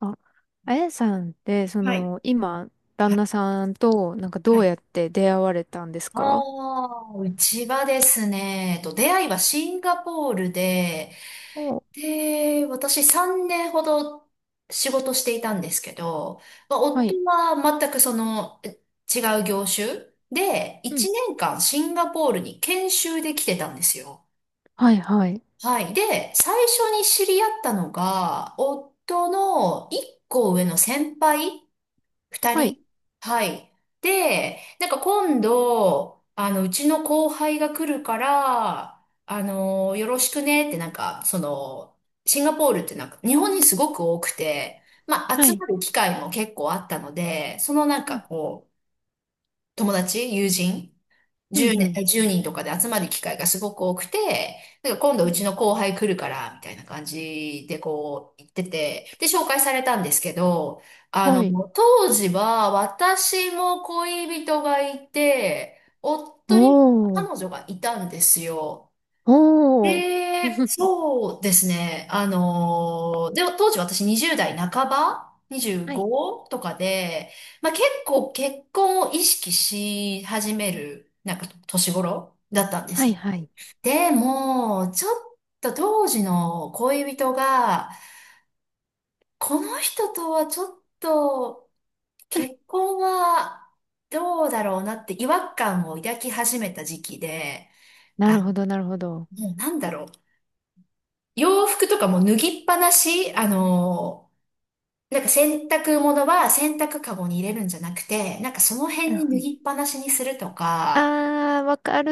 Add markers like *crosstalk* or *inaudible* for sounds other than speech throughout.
あ、あやさんって、そはい。の、今、は旦い。那さんと、なんかどはうい。やって出会われたんですあか？あ、うちはですね、出会いはシンガポールで、お、で、私3年ほど仕事していたんですけど、まあ、は夫い。は全くその違う業種で、うん。1年間シンガポールに研修で来てたんですよ。はい、はい。はい。で、最初に知り合ったのが、夫の1個上の先輩二はい、人。はい。で、なんか今度、あの、うちの後輩が来るから、あの、よろしくねってなんか、その、シンガポールってなんか、日本にすごく多くて、まあ、は集い。まる機会も結構あったので、そのなんうかん、こう、友人うん、10う年、ん。1人とかで集まる機会がすごく多くて、なんか今度ううん、ちの後輩来るから、みたいな感じでこう言ってて、で、紹介されたんですけど、あはの、い。当時は私も恋人がいて、夫にもお彼ー、女がいたんですよ。えおー。え、*laughs* そうですね。で、当時私20代半ば はい、?25 とかで、まあ、結構結婚を意識し始める、なんか年頃だったんではい、す。はい。でも、ちょっと当時の恋人が、この人とはちょっと結婚はどうだろうなって違和感を抱き始めた時期で、なあ、るほど、なるほど。もうなんだろう。洋服とかも脱ぎっぱなし、あの、なんか洗濯物は洗濯カゴに入れるんじゃなくて、なんかそのう辺に脱ん、ぎっぱなしにするとか、あー、わかる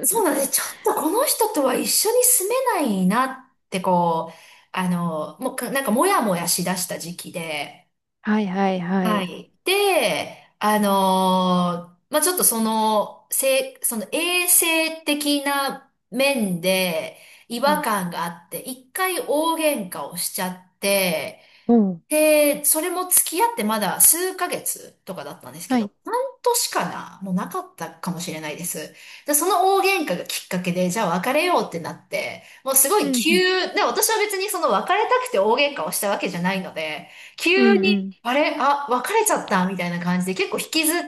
そうなんです。ちょっとこの人とは一緒に住めないなってこう、あの、もうなんかもやもやしだした時期で、*laughs* はい、はい、ははい。い。で、あの、まあ、ちょっとその、その衛生的な面で違は和い。感があって、一回大喧嘩をしちゃって、おー、で、それも付き合ってまだ数ヶ月とかだったんですけはど、い。半年かなもうなかったかもしれないです。で、その大喧嘩がきっかけで、じゃあ別れようってなって、もうすごういん、うん、で、私は別にその別れたくて大喧嘩をしたわけじゃないので、う急ん、うに、ん。あれ、あ、別れちゃったみたいな感じで結構引きずっ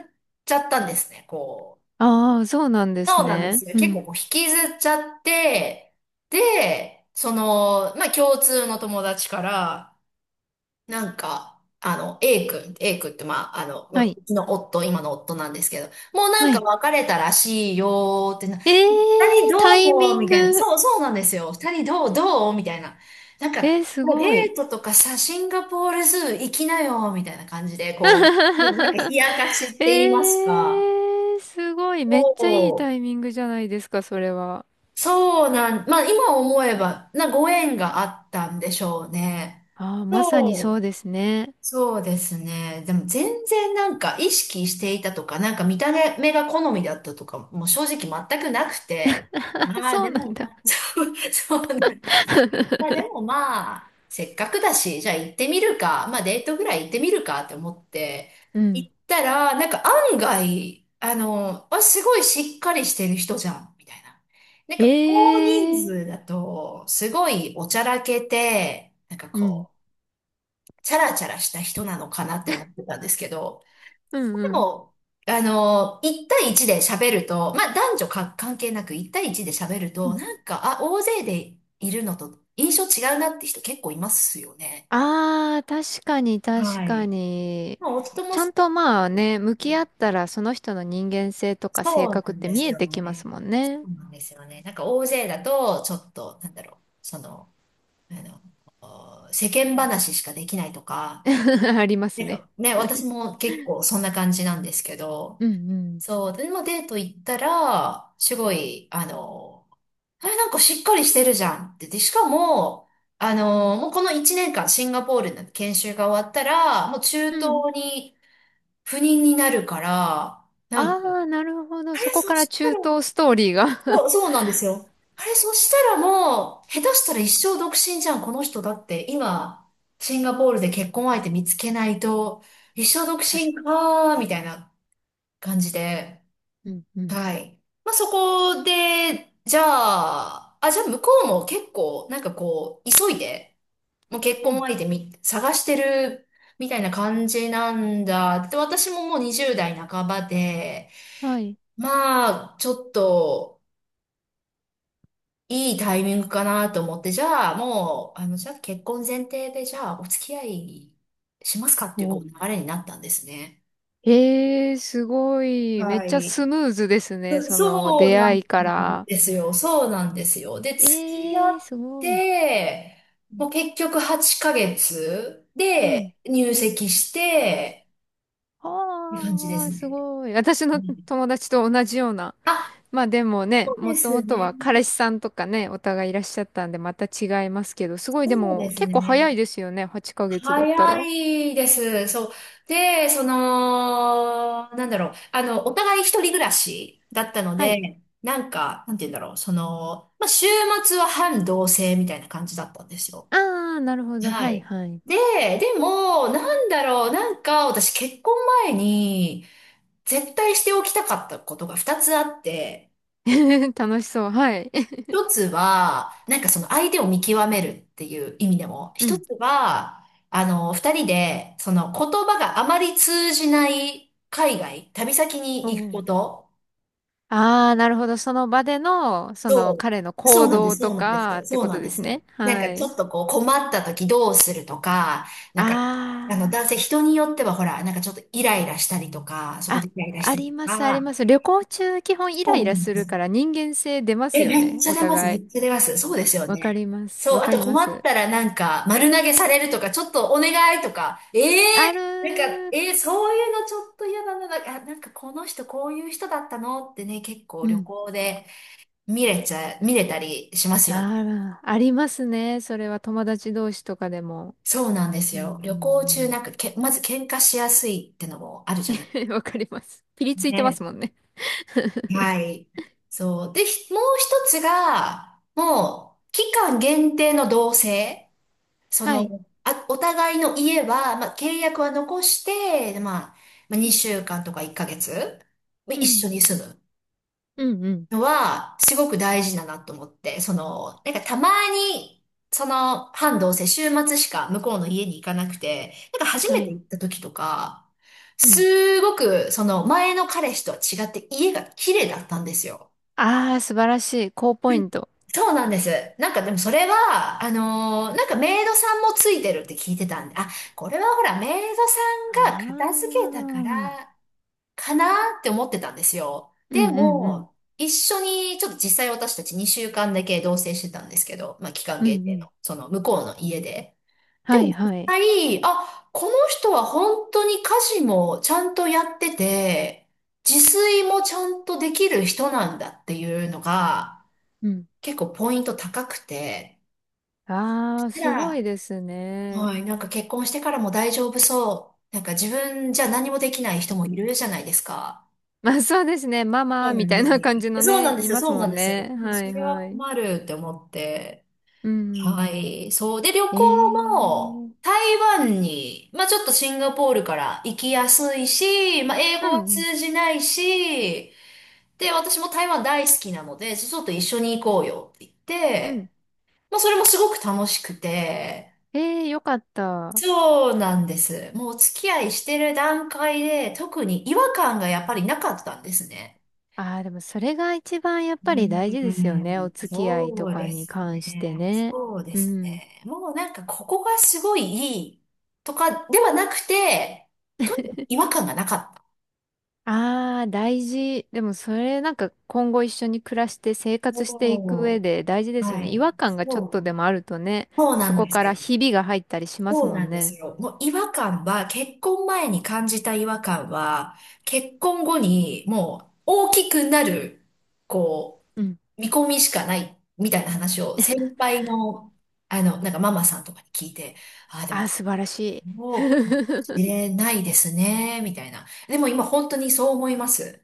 ちゃったんですね、こう。あー、そうなんですそうなんでね。すよ。う結構ん。こう引きずっちゃって、で、その、まあ共通の友達から、なんか、あの、A 君、A 君って、まあ、あの、はい、うちの夫、今の夫なんですけど、もうなはんかい。別れたらしいよーってな、え二人ー、どタうイもミンみたいな。グ。そう、そうなんですよ。二人どうみたいな。なんか、えー、すごデい。ートとかさ、シンガポールズー行きなよみたいな感じで、こう、でもなんか *laughs* 冷やかしって言いますえか。ー、すごい。めっちゃいいそタイミングじゃないですか、それは。う、そうなん、まあ今思えば、ご縁があったんでしょうね。ああ、まさにそそううですね。そうですね。でも全然なんか意識していたとか、なんか見た目が好みだったとか、もう正直全くなくて。*laughs* まあそでうなんもだ。な、*laughs* そう、そうなんですよ。まあでもまあ、せっかくだし、じゃあ行ってみるか、まあデートぐらい行ってみるかって思って、う行ん。ったら、なんか案外、あの、あ、すごいしっかりしてる人じゃん、みたいな。なんかえ大人数ー、だと、すごいおちゃらけて、なんかうん。こう、チャラチャラした人なのかなって思ってたんですけど、うでんも、あの、1対1で喋ると、まあ男女か関係なく1対1で喋るうと、ん。なんか、あ、大勢でいるのと印象違うなって人結構いますよね。ああ、確かに確はかい。に。まあ夫ちもゃそんとうまあでね、向すきね。合ったらその人の人間性とかそ性う格なっんてで見すえよてきますね。もんそね。うなんですよね。なんか大勢だと、ちょっと、なんだろう、その、あの、お世間うん。 話しかできないとか、*laughs* ありますなんね。かね、私も結構そんな感じなんですけど、うんうん。そう、でもデート行ったら、すごい、あの、あれなんかしっかりしてるじゃんって。で、しかも、あの、もうこの1年間シンガポールの研修が終わったら、もう中東うん、に赴任になるから、あなんか、あ、なるほど。あそれ、こそからした中ら、東ストーリーが そう、*laughs* そうなんですよ。あれ、そしたらもう、下手したら一生独身じゃん、この人だって。今、シンガポールで結婚相手見つけないと、一生独確身かに。かー、みたいな感じで。うん、うん。はい。まあ、そこで、じゃあ、あ、じゃあ向こうも結構、なんかこう、急いで、もう結う婚ん。相手探してる、みたいな感じなんだ。で、私ももう20代半ばで、はい。まあ、ちょっと、いいタイミングかなと思って、じゃあ、もう、あの、じゃあ結婚前提で、じゃあ、お付き合いしますかっていう、こおう、う。流れになったんですね。ええー、すごい。めっはちゃい。スムーズですね。そのそう出な会んいから。ですよ。そうなんですよ。で、付き合えっえー、すごい。て、うん。もう結局8ヶ月うん、で入籍して、って感じでああ、すすね。ごい。私うのん、友達と同じような。あ、まあでもね、そうもでともすとね。は彼氏さんとかね、お互いいらっしゃったんで、また違いますけど、すごいでそうもです結構早ね。いですよね。8ヶ月だった早ら。いです。そう。で、その、なんだろう。あの、お互い一人暮らしだったのはい。で、なんか、なんて言うんだろう。その、まあ、週末は半同棲みたいな感じだったんですよ。ああ、なるほど。ははいい。はい。で、でも、なんだろう、なんか、私結婚前に、絶対しておきたかったことが二つあって、*laughs* 楽しそう。はい。*laughs* 一つは、なんかその相手を見極めるっていう意味でも、う一ん。つは、あの、二人で、その言葉があまり通じない海外、旅先おに行くう、こと。ああ、なるほど。その場での、そのそ彼のう、そ行うなんで動す、そとうなんです、かってそうこなとんでですす。ね。なんかはちい。ょっとこう困った時どうするとか、なんか、あの男性あ人によってはほら、なんかちょっとイライラしたりとか、そあ、こであ、イライラしあたりとります、ありか、ます。旅行中、基本イそライうなラんすでるす。から人間性出まえ、すよめっね。ちゃお出ます、め互い。っちゃ出ます。そうですよわかね。ります。そう、わあかとりま困っす。たらなんか丸投げされるとか、ちょっとお願いとか、えあるえなんか、ー。そういうのちょっと嫌だな、なんか、あなんかこの人こういう人だったのってね、結構う旅ん。行で見れたりしますよあね。ら、ありますね。それは友達同士とかでも。そうなんですうん、うよ。旅行中なん、んかまず喧嘩しやすいってのもあるじゃない。うん。*laughs* わかります。ピリついてまね。すもんね。はい。そう。で、もう一つが、もう、期間限定の同棲。そはい。の、あ、お互いの家は、まあ、契約は残して、まあ、うん、2週間とか1ヶ月、まあ一う緒に住む。ん、うん。のは、すごく大事だなと思って、その、なんかたまに、その、半同棲、週末しか向こうの家に行かなくて、なんか初はめてい、行った時とか、うん。すごく、その、前の彼氏とは違って家が綺麗だったんですよ。ああ、素晴らしい。高ポイント。そうなんです。なんかでもそれは、なんかメイドさんもついてるって聞いてたんで、あ、これはほらメイドあさんが片付あ。うけたかんらかなーって思ってたんですよ。うでんうん。も、一緒に、ちょっと実際私たち2週間だけ同棲してたんですけど、まあ期間うんう限定ん。の、その向こうの家で。ではもい実はい。際、あ、この人は本当に家事もちゃんとやってて、自炊もちゃんとできる人なんだっていうのが、うん。結構ポイント高くて、ああ、たすごいら、ですね。はい、なんか結婚してからも大丈夫そう。なんか自分じゃ何もできない人もいるじゃないですか。まあそうですね。マそマうなみんたでいすなね。感じのそうなね、んでいすよ、ますそうもなんんですよ。ね。もうはそいれははい。困るって思って。うん。はい。そう。で、旅行えも、えー。台湾に、まあちょっとシンガポールから行きやすいし、まあ英う語はん通じないし、で、私も台湾大好きなので、ちょっと一緒に行こうよって言っうて、ん。まあそれもすごく楽しくて、ええー、よかった。そうなんです。もうお付き合いしてる段階で、特に違和感がやっぱりなかったんですね。ああ、でもそれが一番やっぱり大事うですよね。おん、付き合いとそうかでにす関してね。ね。そうでうすん。ね。もうなんかここがすごいいいとかではなくて、とにかく違和感がなかった。ああ、大事。でもそれなんか今後一緒に暮らして生活していく上そで大事でう。すよはね。違い。和感がちょっそとでう。もあるとね、そうそなんこですからよ。ひびが入ったりしますそうもなんんですね。よ。もう違和感は、結婚前に感じた違和感は、結婚後にもう大きくなる、こうん。う、見込みしかないみたいな話を先輩の、あの、なんかママさんとかに聞いて、ああ、であも、あ、素晴らしい。*laughs* 入れないですね、みたいな。でも今本当にそう思います。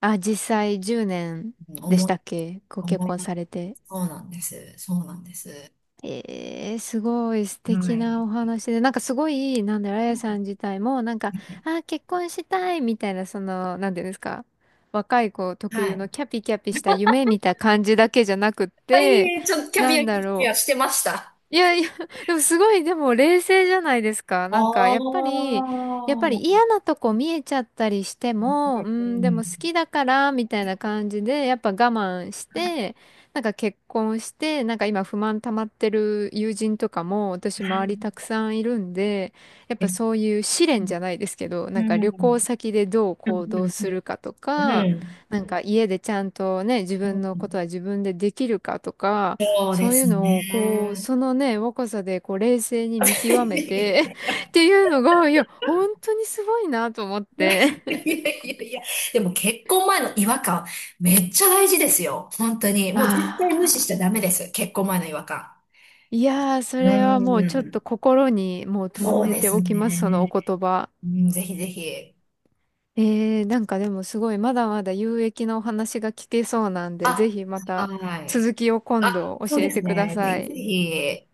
あ、実際10年うん、でし思い、たっけご結思婚さい、れて。そうなんです。そうなんです。えー、すごい素は敵なおい。話で、なんかすごい、なんだろう、あやさん自体も、なんか、あー、結婚したいみたいな、その、なんていうんですか、若い子特は有のい。キャピキャピした夢みたいな感じだけじゃなくっはて、い、ちょっとキャなビア、んキだャビろアしう、てました。いやいや、*laughs* でもすごい、でも冷静じゃないですか。おなんか、やっぱり、やっぱりー。嫌なとこ見えちゃったりしても、ううん、でもん。好きだから、みたいな感じで、やっぱ我慢して、なんか結婚して、なんか今不満溜まってる友人とかも、私周りたくさんいるんで、やっぱそういう試練じゃないですけど、うなんか旅行ん。先でどうう行動すん。るかとうか、ん、なんか家でちゃんとね、自分のことは自分でできるかとか、そうでそういうすのを、こう、ね。そのね、若さで、こう、冷静に見極めて い *laughs* っていうのが、いや、本当にすごいなと思っやいやて。いやいやいや。でも結婚前の違和感、めっちゃ大事ですよ。本当に。もう絶対無視しあちあ、ゃダメです。結婚前の違和感。いやー、そうれはもうちょっとん。心にもう留そうめでてすおきます、そのおね。言葉。うん、ぜひぜひ。えー、なんかでもすごい、まだまだ有益なお話が聞けそうなんで、ぜあ、ひまたはい。続きを今あ、度そう教でえすてくだね。ぜさひぜい。ひ。